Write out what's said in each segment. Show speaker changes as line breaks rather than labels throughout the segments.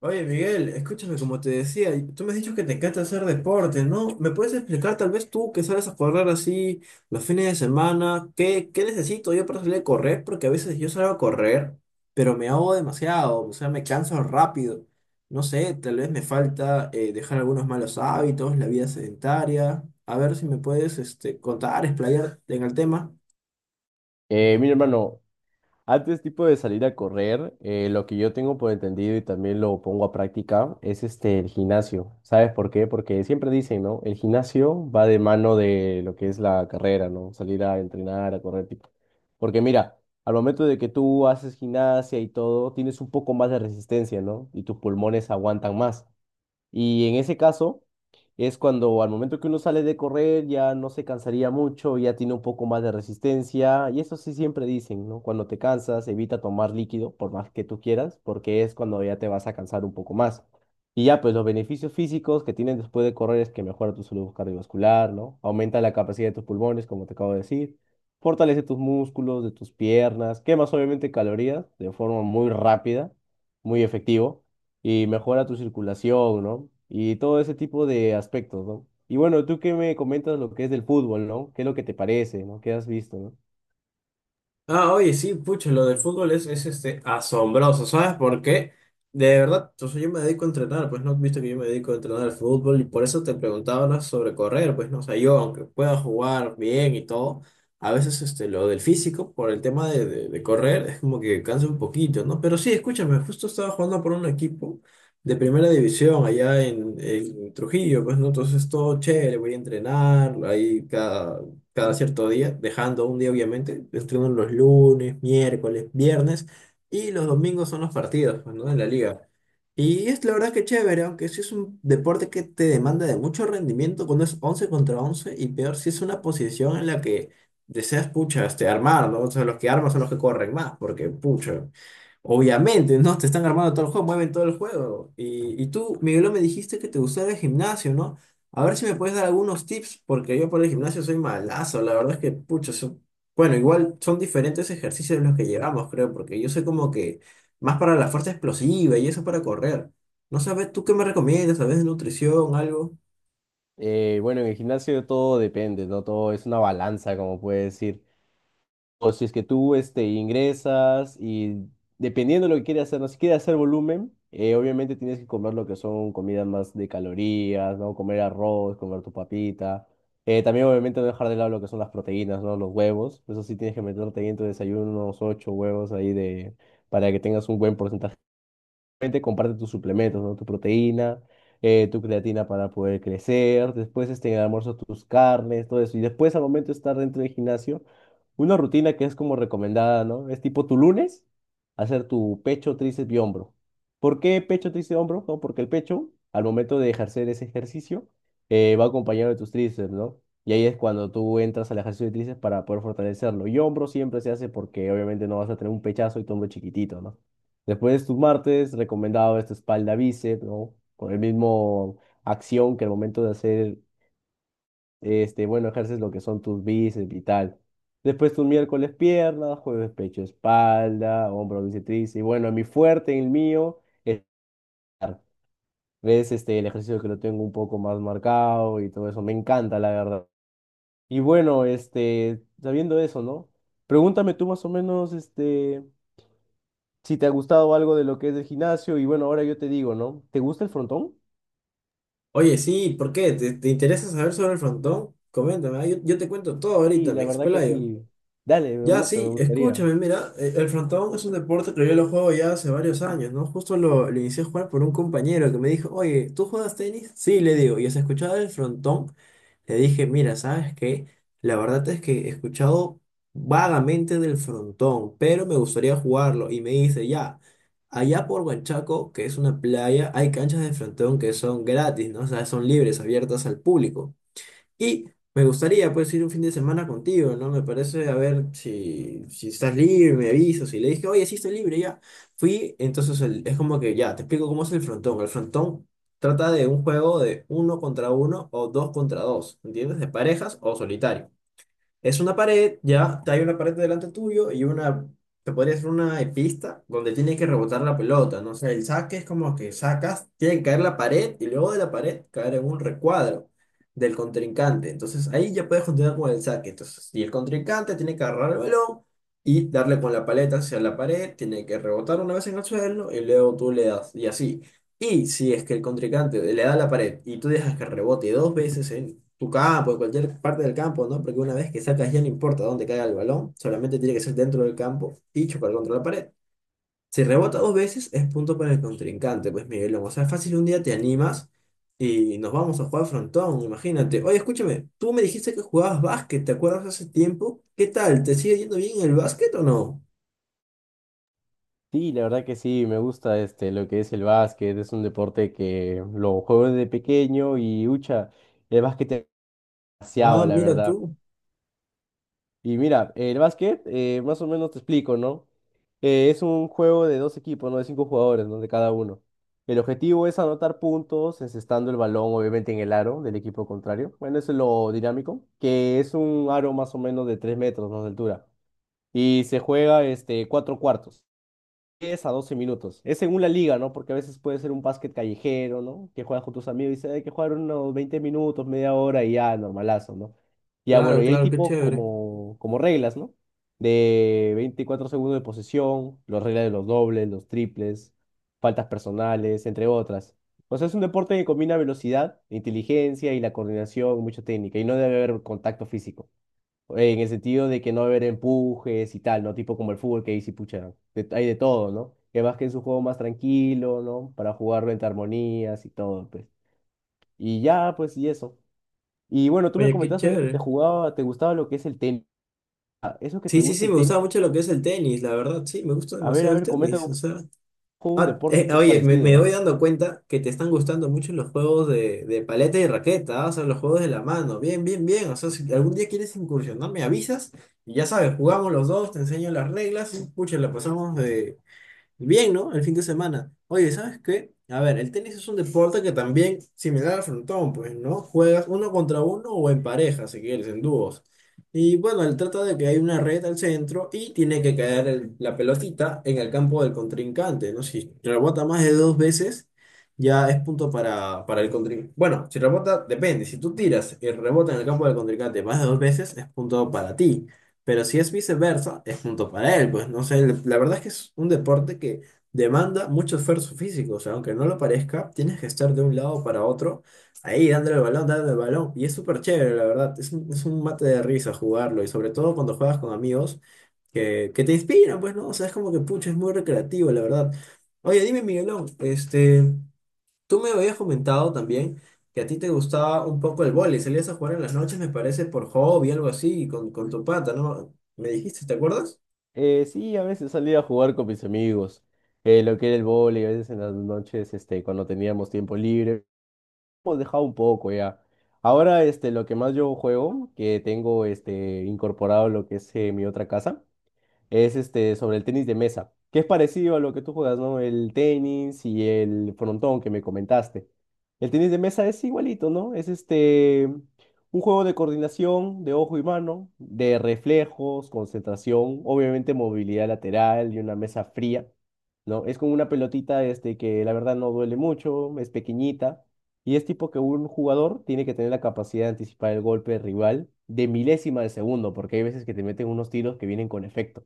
Oye, Miguel, escúchame, como te decía, y tú me has dicho que te encanta hacer deporte, ¿no? ¿Me puedes explicar, tal vez tú que sales a correr así los fines de semana, qué necesito yo para salir a correr? Porque a veces yo salgo a correr, pero me ahogo demasiado, o sea, me canso rápido. No sé, tal vez me falta dejar algunos malos hábitos, la vida sedentaria. A ver si me puedes este, contar, explayar en el tema.
Mi hermano, antes tipo de salir a correr, lo que yo tengo por entendido y también lo pongo a práctica es el gimnasio. ¿Sabes por qué? Porque siempre dicen, ¿no? El gimnasio va de mano de lo que es la carrera, ¿no? Salir a entrenar, a correr, tipo. Porque mira, al momento de que tú haces gimnasia y todo, tienes un poco más de resistencia, ¿no? Y tus pulmones aguantan más. Y en ese caso es cuando al momento que uno sale de correr ya no se cansaría mucho, ya tiene un poco más de resistencia, y eso sí siempre dicen, ¿no? Cuando te cansas, evita tomar líquido por más que tú quieras, porque es cuando ya te vas a cansar un poco más. Y ya, pues los beneficios físicos que tienen después de correr es que mejora tu salud cardiovascular, ¿no? Aumenta la capacidad de tus pulmones, como te acabo de decir. Fortalece tus músculos, de tus piernas, quemas obviamente calorías de forma muy rápida, muy efectivo y mejora tu circulación, ¿no? Y todo ese tipo de aspectos, ¿no? Y bueno, tú que me comentas lo que es del fútbol, ¿no? ¿Qué es lo que te parece, no? ¿Qué has visto, no?
Ah, oye, sí, pucha, lo del fútbol es este, asombroso, ¿sabes por qué? De verdad, yo me dedico a entrenar, pues no has visto que yo me dedico a entrenar al fútbol y por eso te preguntaba, ¿no? Sobre correr, pues no, o sea, yo aunque pueda jugar bien y todo, a veces este, lo del físico, por el tema de correr, es como que cansa un poquito, ¿no? Pero sí, escúchame, justo estaba jugando por un equipo de primera división allá en Trujillo, pues no, entonces todo chévere, voy a entrenar, ahí cada cierto día, dejando un día obviamente, entrenan los lunes, miércoles, viernes y los domingos son los partidos, pues, ¿no? De la liga. Y es la verdad que chévere, aunque sí es un deporte que te demanda de mucho rendimiento cuando es 11 contra 11 y peor si es una posición en la que deseas, pucha, este, armar, ¿no? O sea, los que arman son los que corren más, porque, pucha, obviamente, ¿no? Te están armando todo el juego, mueven todo el juego. Y tú, Miguelo, me dijiste que te gustaba el gimnasio, ¿no? A ver si me puedes dar algunos tips, porque yo por el gimnasio soy malazo. La verdad es que, pucha, son... bueno, igual son diferentes ejercicios los que llevamos, creo, porque yo soy como que más para la fuerza explosiva y eso para correr. No sabes, ¿tú qué me recomiendas? ¿Sabes de nutrición, algo?
Bueno, en el gimnasio todo depende, ¿no? Todo es una balanza, como puede decir. O si es que tú ingresas y dependiendo de lo que quieras hacer, no si quieres hacer volumen, obviamente tienes que comer lo que son comidas más de calorías, ¿no? Comer arroz, comer tu papita. También obviamente no dejar de lado lo que son las proteínas, ¿no? Los huevos. Eso sí tienes que meterte ahí en tu desayuno unos ocho huevos ahí de, para que tengas un buen porcentaje. Obviamente comparte tus suplementos, ¿no? Tu proteína, tu creatina para poder crecer, después en el almuerzo tus carnes, todo eso. Y después al momento de estar dentro del gimnasio, una rutina que es como recomendada, ¿no? Es tipo tu lunes, hacer tu pecho, tríceps y hombro. ¿Por qué pecho, tríceps y hombro? No, porque el pecho, al momento de ejercer ese ejercicio, va acompañado de tus tríceps, ¿no? Y ahí es cuando tú entras al ejercicio de tríceps para poder fortalecerlo. Y hombro siempre se hace porque obviamente no vas a tener un pechazo y tu hombro chiquitito, ¿no? Después tus martes, recomendado esta espalda bíceps, ¿no? Con el mismo acción que el momento de hacer, bueno, ejerces lo que son tus bíceps y tal. Después tus miércoles piernas, jueves pecho, espalda, hombro, bíceps, tríceps. Y bueno, mi fuerte, el mío, es bar. Ves el ejercicio que lo tengo un poco más marcado y todo eso. Me encanta, la verdad. Y bueno, sabiendo eso, ¿no? Pregúntame tú más o menos, si te ha gustado algo de lo que es el gimnasio y bueno, ahora yo te digo, ¿no? ¿Te gusta el frontón?
Oye, sí, ¿por qué? ¿Te interesa saber sobre el frontón? Coméntame, ah. Yo te cuento todo
Sí,
ahorita,
la
me
verdad que
explayo.
sí. Dale, me
Ya,
gusta, me
sí,
gustaría.
escúchame, mira, el frontón es un deporte que yo lo juego ya hace varios años, ¿no? Justo lo inicié a jugar por un compañero que me dijo, oye, ¿tú juegas tenis? Sí, le digo, y se escuchaba el frontón, le dije, mira, ¿sabes qué? La verdad es que he escuchado vagamente del frontón, pero me gustaría jugarlo, y me dice, ya, allá por Huanchaco, que es una playa, hay canchas de frontón que son gratis, ¿no? O sea, son libres, abiertas al público. Y me gustaría, pues, ir un fin de semana contigo, ¿no? Me parece, a ver si estás libre, me avisas. Y le dije, oye, sí estoy libre, ya. Fui, entonces es como que ya, te explico cómo es el frontón. El frontón trata de un juego de uno contra uno o dos contra dos, ¿entiendes? De parejas o solitario. Es una pared, ya hay una pared delante tuyo y una, te podría decir una pista donde tienes que rebotar la pelota, ¿no? O sea, el saque es como que sacas, tiene que caer la pared y luego de la pared caer en un recuadro del contrincante. Entonces ahí ya puedes continuar con el saque. Entonces, y el contrincante tiene que agarrar el balón y darle con la paleta hacia la pared, tiene que rebotar una vez en el suelo y luego tú le das y así. Y si es que el contrincante le da a la pared y tú dejas que rebote dos veces en tu campo, en cualquier parte del campo, ¿no? Porque una vez que sacas ya no importa dónde caiga el balón, solamente tiene que ser dentro del campo y chocar contra la pared. Si rebota dos veces es punto para el contrincante, pues Miguelón. O sea, fácil, un día te animas y nos vamos a jugar frontón, imagínate. Oye, escúchame, tú me dijiste que jugabas básquet, ¿te acuerdas hace tiempo? ¿Qué tal? ¿Te sigue yendo bien el básquet o no?
Sí, la verdad que sí, me gusta lo que es el básquet, es un deporte que lo juego desde pequeño y ucha, el básquet es demasiado,
Ah,
la
mira
verdad.
tú.
Y mira, el básquet, más o menos te explico, ¿no? Es un juego de dos equipos, ¿no? De cinco jugadores, ¿no? De cada uno. El objetivo es anotar puntos, encestando el balón, obviamente, en el aro del equipo contrario. Bueno, eso es lo dinámico, que es un aro más o menos de 3 metros, ¿no? De altura. Y se juega, cuatro cuartos 10 a 12 minutos. Es según la liga, ¿no? Porque a veces puede ser un básquet callejero, ¿no? Que juegas con tus amigos y dices, hay que jugar unos 20 minutos, media hora y ya, normalazo, ¿no? Ya, bueno,
Claro,
y hay
claro, qué
tipo
chévere.
como, como reglas, ¿no? De 24 segundos de posesión, las reglas de los dobles, los triples, faltas personales, entre otras. O sea, es un deporte que combina velocidad, inteligencia y la coordinación, mucha técnica, y no debe haber contacto físico en el sentido de que no va a haber empujes y tal, ¿no? Tipo como el fútbol que dice, pucha, hay de todo, ¿no? Que más que es un juego más tranquilo, ¿no? Para jugarlo entre armonías y todo, pues. Y ya, pues, y eso. Y bueno, tú me
Oye, qué
comentabas también que te
chévere.
jugaba, te gustaba lo que es el tenis. Ah, eso que te
Sí, sí,
gusta
sí,
el
me
tenis,
gustaba mucho lo que es el tenis, la verdad, sí, me gusta
a
demasiado el
ver, comenta
tenis,
un
o sea...
poco un
Ah,
deporte que es
oye,
parecido,
me voy
¿ah?
dando cuenta que te están gustando mucho los juegos de paleta y raqueta, ah. O sea, los juegos de la mano, bien, bien, bien, o sea, si algún día quieres incursionar, me avisas y ya sabes, jugamos los dos, te enseño las reglas y, pucha, la pasamos bien, ¿no? El fin de semana. Oye, ¿sabes qué? A ver, el tenis es un deporte que también, similar al frontón, pues, ¿no? Juegas uno contra uno o en pareja, si quieres, en dúos. Y bueno, él trata de que hay una red al centro y tiene que caer la pelotita en el campo del contrincante, ¿no? Si rebota más de dos veces, ya es punto para el contrincante. Bueno, si rebota, depende. Si tú tiras y rebota en el campo del contrincante más de dos veces, es punto para ti. Pero si es viceversa, es punto para él. Pues no sé, la verdad es que es un deporte que demanda mucho esfuerzo físico. O sea, aunque no lo parezca, tienes que estar de un lado para otro, ahí dándole el balón, dándole el balón. Y es súper chévere, la verdad. Es un mate de risa jugarlo. Y sobre todo cuando juegas con amigos que te inspiran, pues, ¿no? O sea, es como que, pucha, es muy recreativo, la verdad. Oye, dime, Miguelón, este. Tú me habías comentado también que a ti te gustaba un poco el vóley, salías a jugar en las noches, me parece, por hobby, algo así, con tu pata, ¿no? Me dijiste, ¿te acuerdas?
Sí, a veces salía a jugar con mis amigos, lo que era el vóley, a veces en las noches, cuando teníamos tiempo libre. Hemos dejado un poco ya. Ahora, lo que más yo juego, que tengo, incorporado lo que es mi otra casa es sobre el tenis de mesa, que es parecido a lo que tú juegas, ¿no? El tenis y el frontón que me comentaste. El tenis de mesa es igualito, ¿no? Es un juego de coordinación de ojo y mano, de reflejos, concentración, obviamente movilidad lateral y una mesa fría, ¿no? Es con una pelotita que la verdad no duele mucho, es pequeñita. Y es tipo que un jugador tiene que tener la capacidad de anticipar el golpe del rival de milésima de segundo, porque hay veces que te meten unos tiros que vienen con efecto.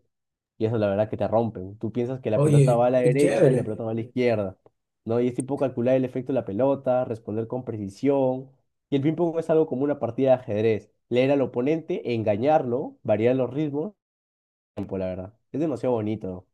Y eso la verdad que te rompen. Tú piensas que la pelota
Oye,
va a la
qué
derecha y la
chévere.
pelota va a la izquierda, ¿no? Y es tipo calcular el efecto de la pelota, responder con precisión. Y el ping-pong es algo como una partida de ajedrez. Leer al oponente, engañarlo, variar los ritmos, tiempo, la verdad. Es demasiado bonito.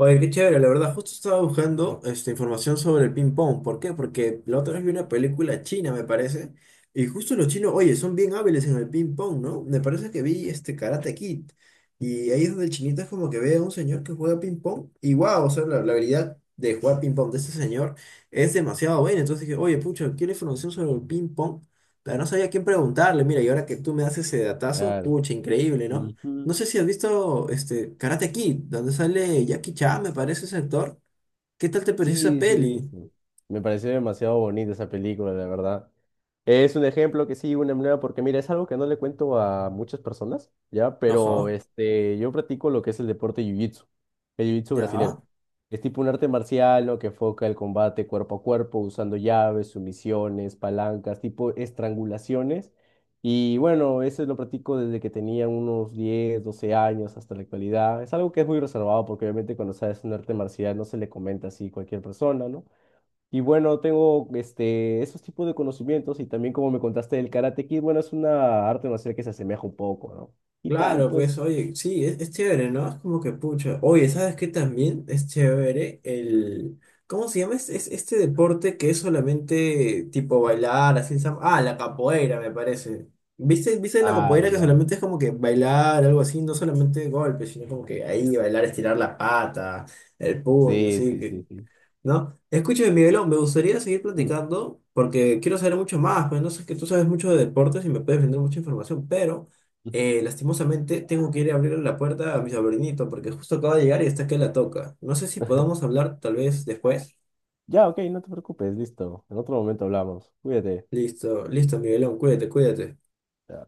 Oye, qué chévere, la verdad, justo estaba buscando esta información sobre el ping pong. ¿Por qué? Porque la otra vez vi una película china, me parece, y justo los chinos, oye, son bien hábiles en el ping pong, ¿no? Me parece que vi este Karate Kid, y ahí es donde el chinito es como que ve a un señor que juega ping pong, y wow, o sea, la habilidad de jugar ping pong de este señor es demasiado buena. Entonces dije, oye, pucha, quiero información sobre el ping pong, pero no sabía a quién preguntarle, mira, y ahora que tú me das ese datazo,
Claro.
pucha, increíble, ¿no? No
Ujú.
sé si has visto este Karate Kid, donde sale Jackie Chan, me parece ese actor. ¿Qué tal te pareció esa
Sí, sí, he
peli?
visto. Me pareció demasiado bonita esa película, la verdad. Es un ejemplo que sí, una manera, porque mira, es algo que no le cuento a muchas personas, ¿ya? Pero
Ajá,
yo practico lo que es el deporte jiu-jitsu, el jiu-jitsu brasilero.
ya.
Es tipo un arte marcial, ¿no? Que enfoca el combate cuerpo a cuerpo, usando llaves, sumisiones, palancas, tipo estrangulaciones y bueno, eso lo practico desde que tenía unos 10 12 años hasta la actualidad. Es algo que es muy reservado porque obviamente cuando sabes un arte marcial no se le comenta así a cualquier persona, ¿no? Y bueno, tengo esos tipos de conocimientos y también como me contaste del Karate Kid, bueno, es una arte marcial que se asemeja un poco, ¿no? Y tal,
Claro, pues
pues.
oye, sí, es chévere, ¿no? Es como que pucha. Oye, ¿sabes qué también es chévere? El... ¿Cómo se llama? Este deporte que es solamente tipo bailar, así. Ah, la capoeira, me parece. Viste la
Ah,
capoeira que
ya.
solamente es como que bailar, algo así, no solamente golpes, sino como que ahí bailar, estirar la pata, el puño,
Sí,
así
sí,
que,
sí, sí.
¿no? Escúchame, Miguelón, me gustaría seguir
Mm.
platicando porque quiero saber mucho más, pues no sé, que tú sabes mucho de deportes y me puedes vender mucha información, pero lastimosamente tengo que ir a abrirle la puerta a mi sobrinito porque justo acaba de llegar y está que la toca. No sé si podamos hablar tal vez después.
Ya, ok, no te preocupes, listo. En otro momento hablamos. Cuídate.
Listo, listo, Miguelón, cuídate, cuídate.
Ya.